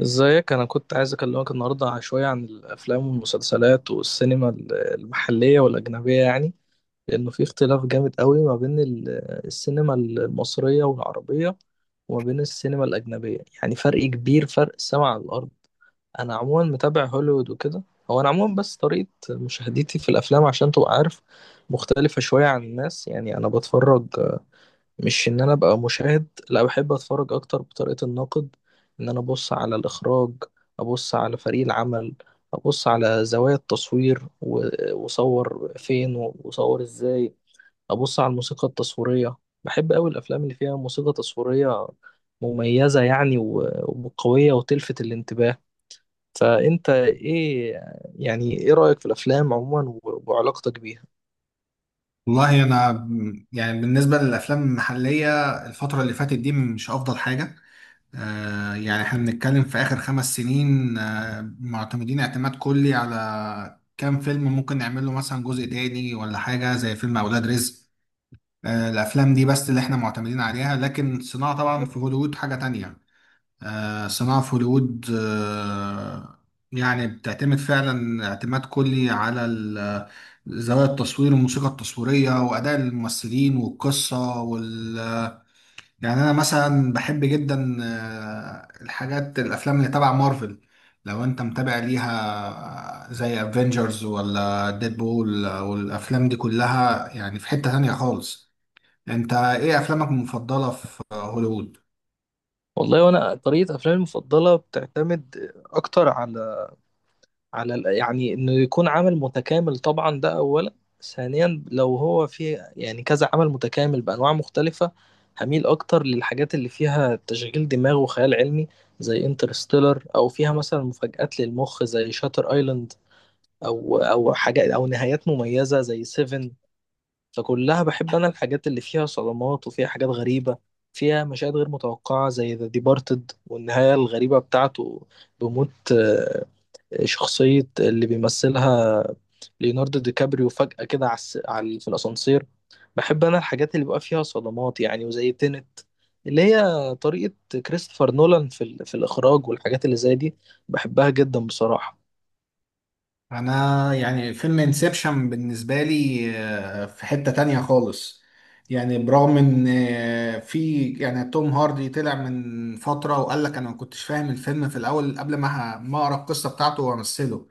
ازيك. انا كنت عايز اكلمك النهارده شويه عن الافلام والمسلسلات والسينما المحليه والاجنبيه يعني. لانه في اختلاف جامد قوي ما بين السينما المصريه والعربيه، وما بين السينما الاجنبيه، يعني فرق كبير، فرق السما على الارض. انا عموما متابع هوليوود وكده. هو انا عموما بس طريقه مشاهدتي في الافلام عشان تبقى عارف مختلفه شويه عن الناس، يعني انا بتفرج مش ان انا ابقى مشاهد، لا، بحب اتفرج اكتر بطريقة الناقد، ان انا ابص على الاخراج، ابص على فريق العمل، ابص على زوايا التصوير وصور فين وصور ازاي، ابص على الموسيقى التصويرية. بحب قوي الافلام اللي فيها موسيقى تصويرية مميزة يعني وقوية وتلفت الانتباه. فانت ايه، يعني ايه رأيك في الافلام عموما وعلاقتك بيها؟ والله انا بالنسبه للافلام المحليه الفتره اللي فاتت دي مش افضل حاجه. يعني احنا بنتكلم في اخر خمس سنين، آه معتمدين اعتماد كلي على كام فيلم ممكن نعمل له مثلا جزء تاني ولا حاجه زي فيلم اولاد رزق. آه الافلام دي بس اللي احنا معتمدين عليها، لكن صناعه طبعا في هوليوود حاجه تانية. آه، صناعة في هوليوود يعني بتعتمد فعلا اعتماد كلي على زوايا التصوير والموسيقى التصويرية وأداء الممثلين والقصة وال... يعني أنا مثلا بحب جدا الحاجات الأفلام اللي تبع مارفل، لو أنت متابع ليها، آه، زي افنجرز ولا ديدبول والأفلام دي كلها يعني في حتة تانية خالص. أنت إيه أفلامك المفضلة في هوليوود؟ والله وانا طريقة افلامي المفضلة بتعتمد اكتر على يعني انه يكون عمل متكامل، طبعا ده اولا. ثانيا لو هو فيه يعني كذا عمل متكامل بانواع مختلفه، هميل اكتر للحاجات اللي فيها تشغيل دماغ وخيال علمي زي انترستيلر، او فيها مثلا مفاجآت للمخ زي شاتر ايلاند، او حاجات او نهايات مميزه زي سيفن. فكلها بحب انا الحاجات اللي فيها صدمات وفيها حاجات غريبه، فيها مشاهد غير متوقعه زي ذا ديبارتد والنهايه الغريبه بتاعته، بموت شخصية اللي بيمثلها ليوناردو دي كابريو فجأة كده في الأسانسير. بحب أنا الحاجات اللي بيبقى فيها صدمات يعني، وزي تينت اللي هي طريقة كريستوفر نولان في في الإخراج والحاجات اللي زي دي. بحبها جدا بصراحة. انا يعني فيلم انسبشن بالنسبه لي آه، في حته تانية خالص. يعني برغم ان آه، في يعني توم هاردي طلع من فتره وقال لك انا ما كنتش فاهم الفيلم في الاول قبل ما ما اقرا القصه بتاعته وامثله.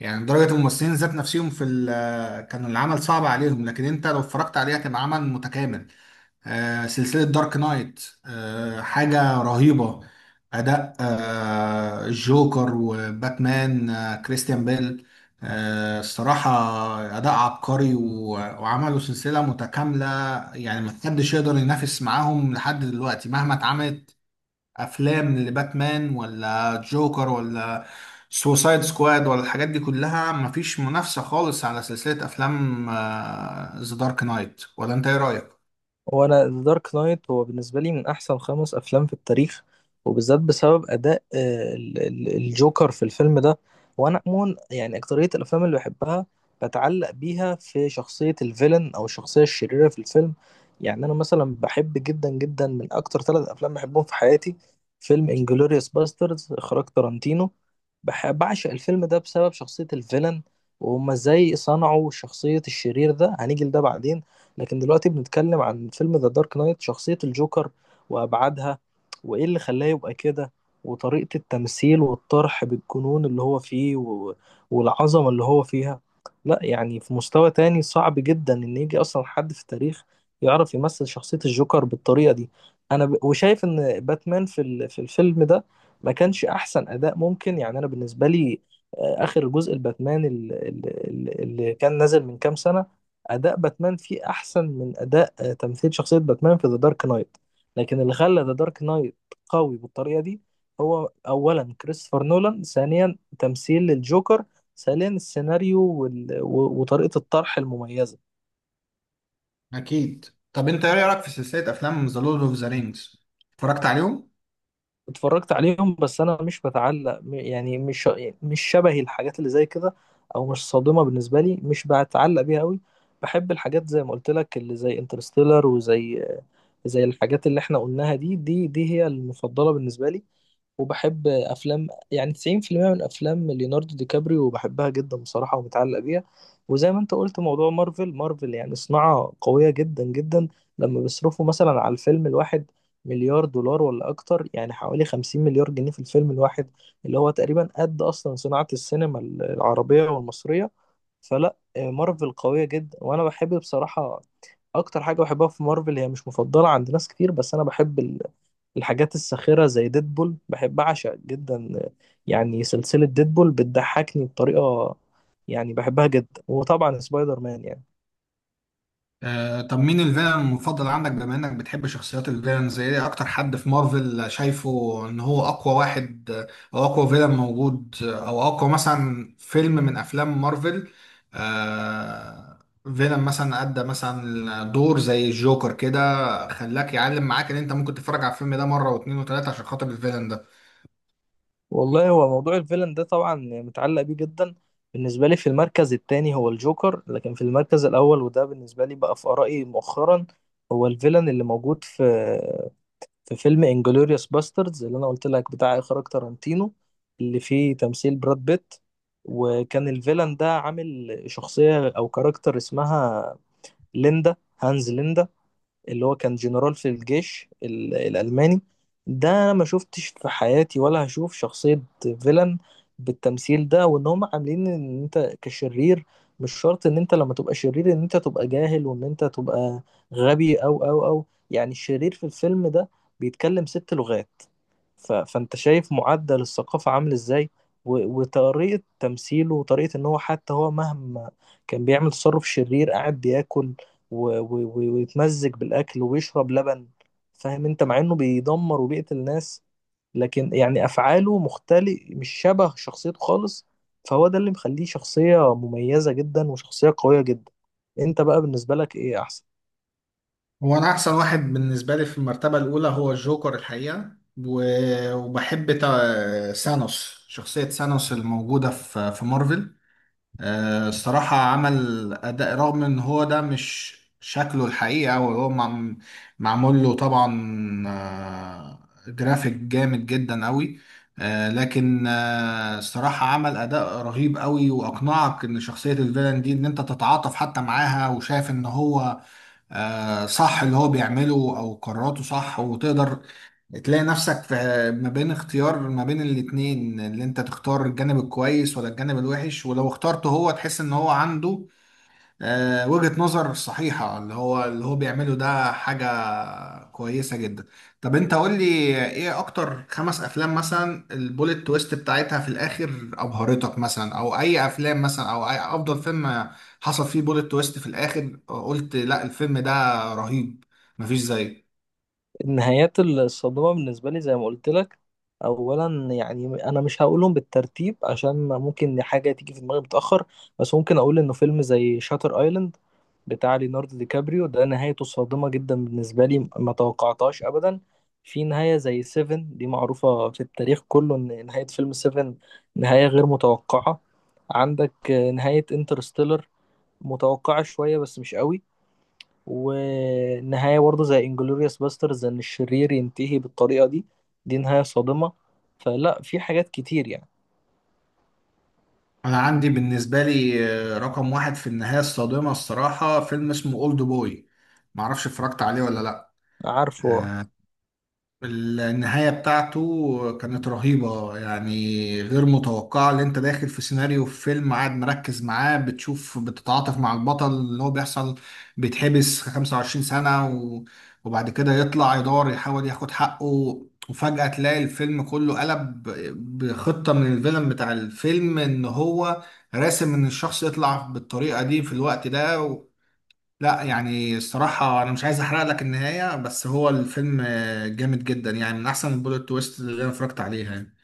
يعني درجه الممثلين ذات نفسهم في كان العمل صعب عليهم، لكن انت لو اتفرجت عليه هتبقى عمل متكامل. آه، سلسلة دارك نايت، آه، حاجة رهيبة. أداء آه، الجوكر وباتمان، آه، كريستيان بيل، آه، الصراحة أداء عبقري وعملوا سلسلة متكاملة. يعني محدش يقدر ينافس معاهم لحد دلوقتي مهما اتعملت أفلام لباتمان ولا جوكر ولا سوسايد سكواد ولا الحاجات دي كلها. مفيش منافسة خالص على سلسلة أفلام ذا دارك نايت. ولا أنت إيه رأيك؟ هو انا ذا دارك نايت هو بالنسبه لي من احسن 5 افلام في التاريخ، وبالذات بسبب اداء الجوكر في الفيلم ده. وانا عموما يعني اكتريه الافلام اللي بحبها بتعلق بيها في شخصيه الفيلن او الشخصيه الشريره في الفيلم. يعني انا مثلا بحب جدا جدا، من اكتر 3 افلام بحبهم في حياتي فيلم انجلوريوس باسترز اخراج تارانتينو. بعشق الفيلم ده بسبب شخصيه الفيلن، وهما ازاي صنعوا شخصيه الشرير ده، هنيجي لده بعدين. لكن دلوقتي بنتكلم عن فيلم ذا دارك نايت، شخصية الجوكر وأبعادها، وإيه اللي خلاه يبقى كده، وطريقة التمثيل والطرح بالجنون اللي هو فيه والعظمة اللي هو فيها. لا يعني في مستوى تاني صعب جدا إن يجي أصلا حد في التاريخ يعرف يمثل شخصية الجوكر بالطريقة دي. أنا وشايف إن باتمان في الفيلم ده ما كانش أحسن أداء ممكن، يعني أنا بالنسبة لي آخر جزء الباتمان اللي كان نازل من كام سنة، اداء باتمان فيه احسن من اداء تمثيل شخصيه باتمان في ذا دارك نايت. لكن اللي خلى ذا دارك نايت قوي بالطريقه دي هو اولا كريستوفر نولان، ثانيا تمثيل الجوكر، ثالثا السيناريو وطريقه الطرح المميزه. اكيد. طب انت ايه رايك في سلسله افلام ذا لورد اوف ذا رينجز، اتفرجت عليهم؟ اتفرجت عليهم بس انا مش بتعلق يعني مش، مش شبهي الحاجات اللي زي كده او مش صادمه بالنسبه لي، مش بتعلق بيها قوي. بحب الحاجات زي ما قلت لك اللي زي انترستيلر وزي الحاجات اللي احنا قلناها دي، دي هي المفضله بالنسبه لي. وبحب افلام يعني 90% من افلام ليوناردو دي كابريو بحبها جدا بصراحة ومتعلق بيها. وزي ما انت قلت، موضوع مارفل يعني صناعة قوية جدا جدا. لما بيصرفوا مثلا على الفيلم الواحد مليار دولار ولا اكتر، يعني حوالي 50 مليار جنيه في الفيلم الواحد، اللي هو تقريبا قد اصلا صناعة السينما العربية والمصرية. فلا مارفل قوية جدا. وانا بحب بصراحة، اكتر حاجة بحبها في مارفل هي مش مفضلة عند ناس كتير، بس انا بحب الحاجات الساخرة زي ديدبول، بحب أعشق جدا يعني سلسلة ديدبول، بتضحكني بطريقة يعني بحبها جدا. وطبعا سبايدر مان يعني. آه، طب مين الفيلن المفضل عندك، بما انك بتحب شخصيات الفيلن؟ زي ايه اكتر حد في مارفل شايفه ان هو اقوى واحد، آه، او اقوى فيلن موجود، آه، او اقوى مثلا فيلم من افلام مارفل، آه فيلن مثلا ادى مثلا دور زي الجوكر كده خلاك يعلم معاك ان انت ممكن تتفرج على الفيلم ده مره واثنين وثلاثه عشان خاطر الفيلن ده؟ والله هو موضوع الفيلن ده طبعا متعلق بيه جدا. بالنسبة لي في المركز التاني هو الجوكر، لكن في المركز الأول، وده بالنسبة لي بقى في آرائي مؤخرا، هو الفيلن اللي موجود في فيلم انجلوريوس باستردز اللي انا قلت لك بتاع اخراج تارانتينو، اللي فيه تمثيل براد بيت. وكان الفيلان ده عامل شخصية او كاركتر اسمها ليندا هانز ليندا، اللي هو كان جنرال في الجيش الألماني. ده أنا ما شفتش في حياتي ولا هشوف شخصية فيلن بالتمثيل ده، وإن هم عاملين إن أنت كشرير مش شرط إن أنت لما تبقى شرير إن أنت تبقى جاهل، وإن أنت تبقى غبي أو يعني، الشرير في الفيلم ده بيتكلم 6 لغات، فانت شايف معدل الثقافة عامل ازاي، وطريقة تمثيله وطريقة ان هو، حتى هو مهما كان بيعمل تصرف شرير، قاعد بياكل ويتمزج بالاكل ويشرب لبن، فاهم انت، مع انه بيدمر وبيقتل ناس، لكن يعني افعاله مختلف، مش شبه شخصيته خالص. فهو ده اللي مخليه شخصية مميزة جدا وشخصية قوية جدا. انت بقى بالنسبة لك ايه احسن؟ هو انا احسن واحد بالنسبه لي في المرتبه الاولى هو الجوكر الحقيقه، وبحب سانوس، شخصيه سانوس الموجوده في مارفل. آه، الصراحه عمل اداء، رغم ان هو ده مش شكله الحقيقه وهو معمول له طبعا آه، جرافيك جامد جدا قوي، آه، لكن آه، الصراحة عمل أداء رهيب قوي وأقنعك إن شخصية الفيلن دي إن أنت تتعاطف حتى معاها، وشايف إن هو آه، صح اللي هو بيعمله او قراراته صح، وتقدر تلاقي نفسك في ما بين اختيار ما بين الاتنين، اللي انت تختار الجانب الكويس ولا الجانب الوحش، ولو اخترته هو تحس ان هو عنده آه، وجهة نظر صحيحة، اللي هو اللي هو بيعمله ده حاجة كويسة جدا. طب انت قول لي ايه اكتر خمس افلام مثلا البوليت تويست بتاعتها في الاخر ابهرتك، مثلا او اي افلام، مثلا او اي افضل فيلم حصل فيه بوليت تويست في الاخر قلت لا الفيلم ده رهيب مفيش زيه؟ النهايات الصادمة بالنسبة لي زي ما قلت لك، أولا يعني أنا مش هقولهم بالترتيب عشان ممكن حاجة تيجي في دماغي متأخر، بس ممكن أقول إنه فيلم زي شاتر أيلاند بتاع ليوناردو دي كابريو ده، نهايته صادمة جدا بالنسبة لي، ما توقعتهاش أبدا. في نهاية زي سيفن، دي معروفة في التاريخ كله إن نهاية فيلم سيفن نهاية غير متوقعة. عندك نهاية انترستيلر متوقعة شوية بس مش قوي. ونهاية برضه زي انجلوريوس باسترز ان الشرير ينتهي بالطريقة دي، دي نهاية صادمة. فلا في حاجات كتير يعني. انا عندي بالنسبة لي آه، رقم واحد في النهاية الصادمة الصراحة فيلم اسمه اولد بوي، معرفش اتفرجت عليه ولا لا. عارفه. آه، النهاية بتاعته كانت رهيبة يعني غير متوقعة. اللي انت داخل في سيناريو في فيلم قاعد مركز معاه، بتشوف بتتعاطف مع البطل اللي هو بيحصل بيتحبس 25 سنة، و- وبعد كده يطلع يدور يحاول ياخد حقه، وفجأة تلاقي الفيلم كله قلب بخطة من الفيلم بتاع الفيلم ان هو راسم ان الشخص يطلع بالطريقة دي في الوقت ده. لا يعني الصراحة أنا مش عايز أحرق لك النهاية، بس هو الفيلم آه، جامد جدا يعني، من أحسن البوليت تويست اللي أنا اتفرجت عليها يعني.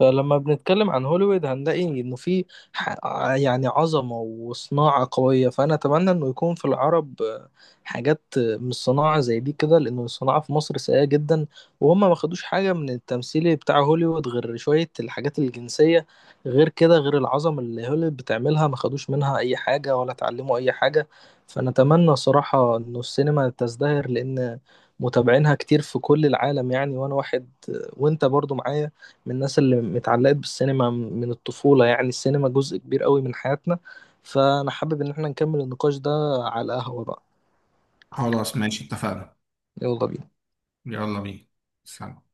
فلما بنتكلم عن هوليوود هنلاقي انه في ح- يعني عظمة وصناعة قوية، فانا اتمنى انه يكون في العرب حاجات من الصناعة زي دي كده، لانه الصناعة في مصر سيئة جدا. وهم ما خدوش حاجة من التمثيل بتاع هوليوود غير شوية الحاجات الجنسية، غير كده غير العظمة اللي هوليوود بتعملها ما خدوش منها اي حاجة ولا اتعلموا اي حاجة. فانا اتمنى صراحة انه السينما تزدهر، لان متابعينها كتير في كل العالم يعني. وانا واحد وانت برضو معايا من الناس اللي اتعلقت بالسينما من الطفولة، يعني السينما جزء كبير قوي من حياتنا. فأنا حابب إن احنا نكمل النقاش ده على القهوة بقى. خلاص ماشي، اتفقنا. يلا بينا. يلا بينا. سلام.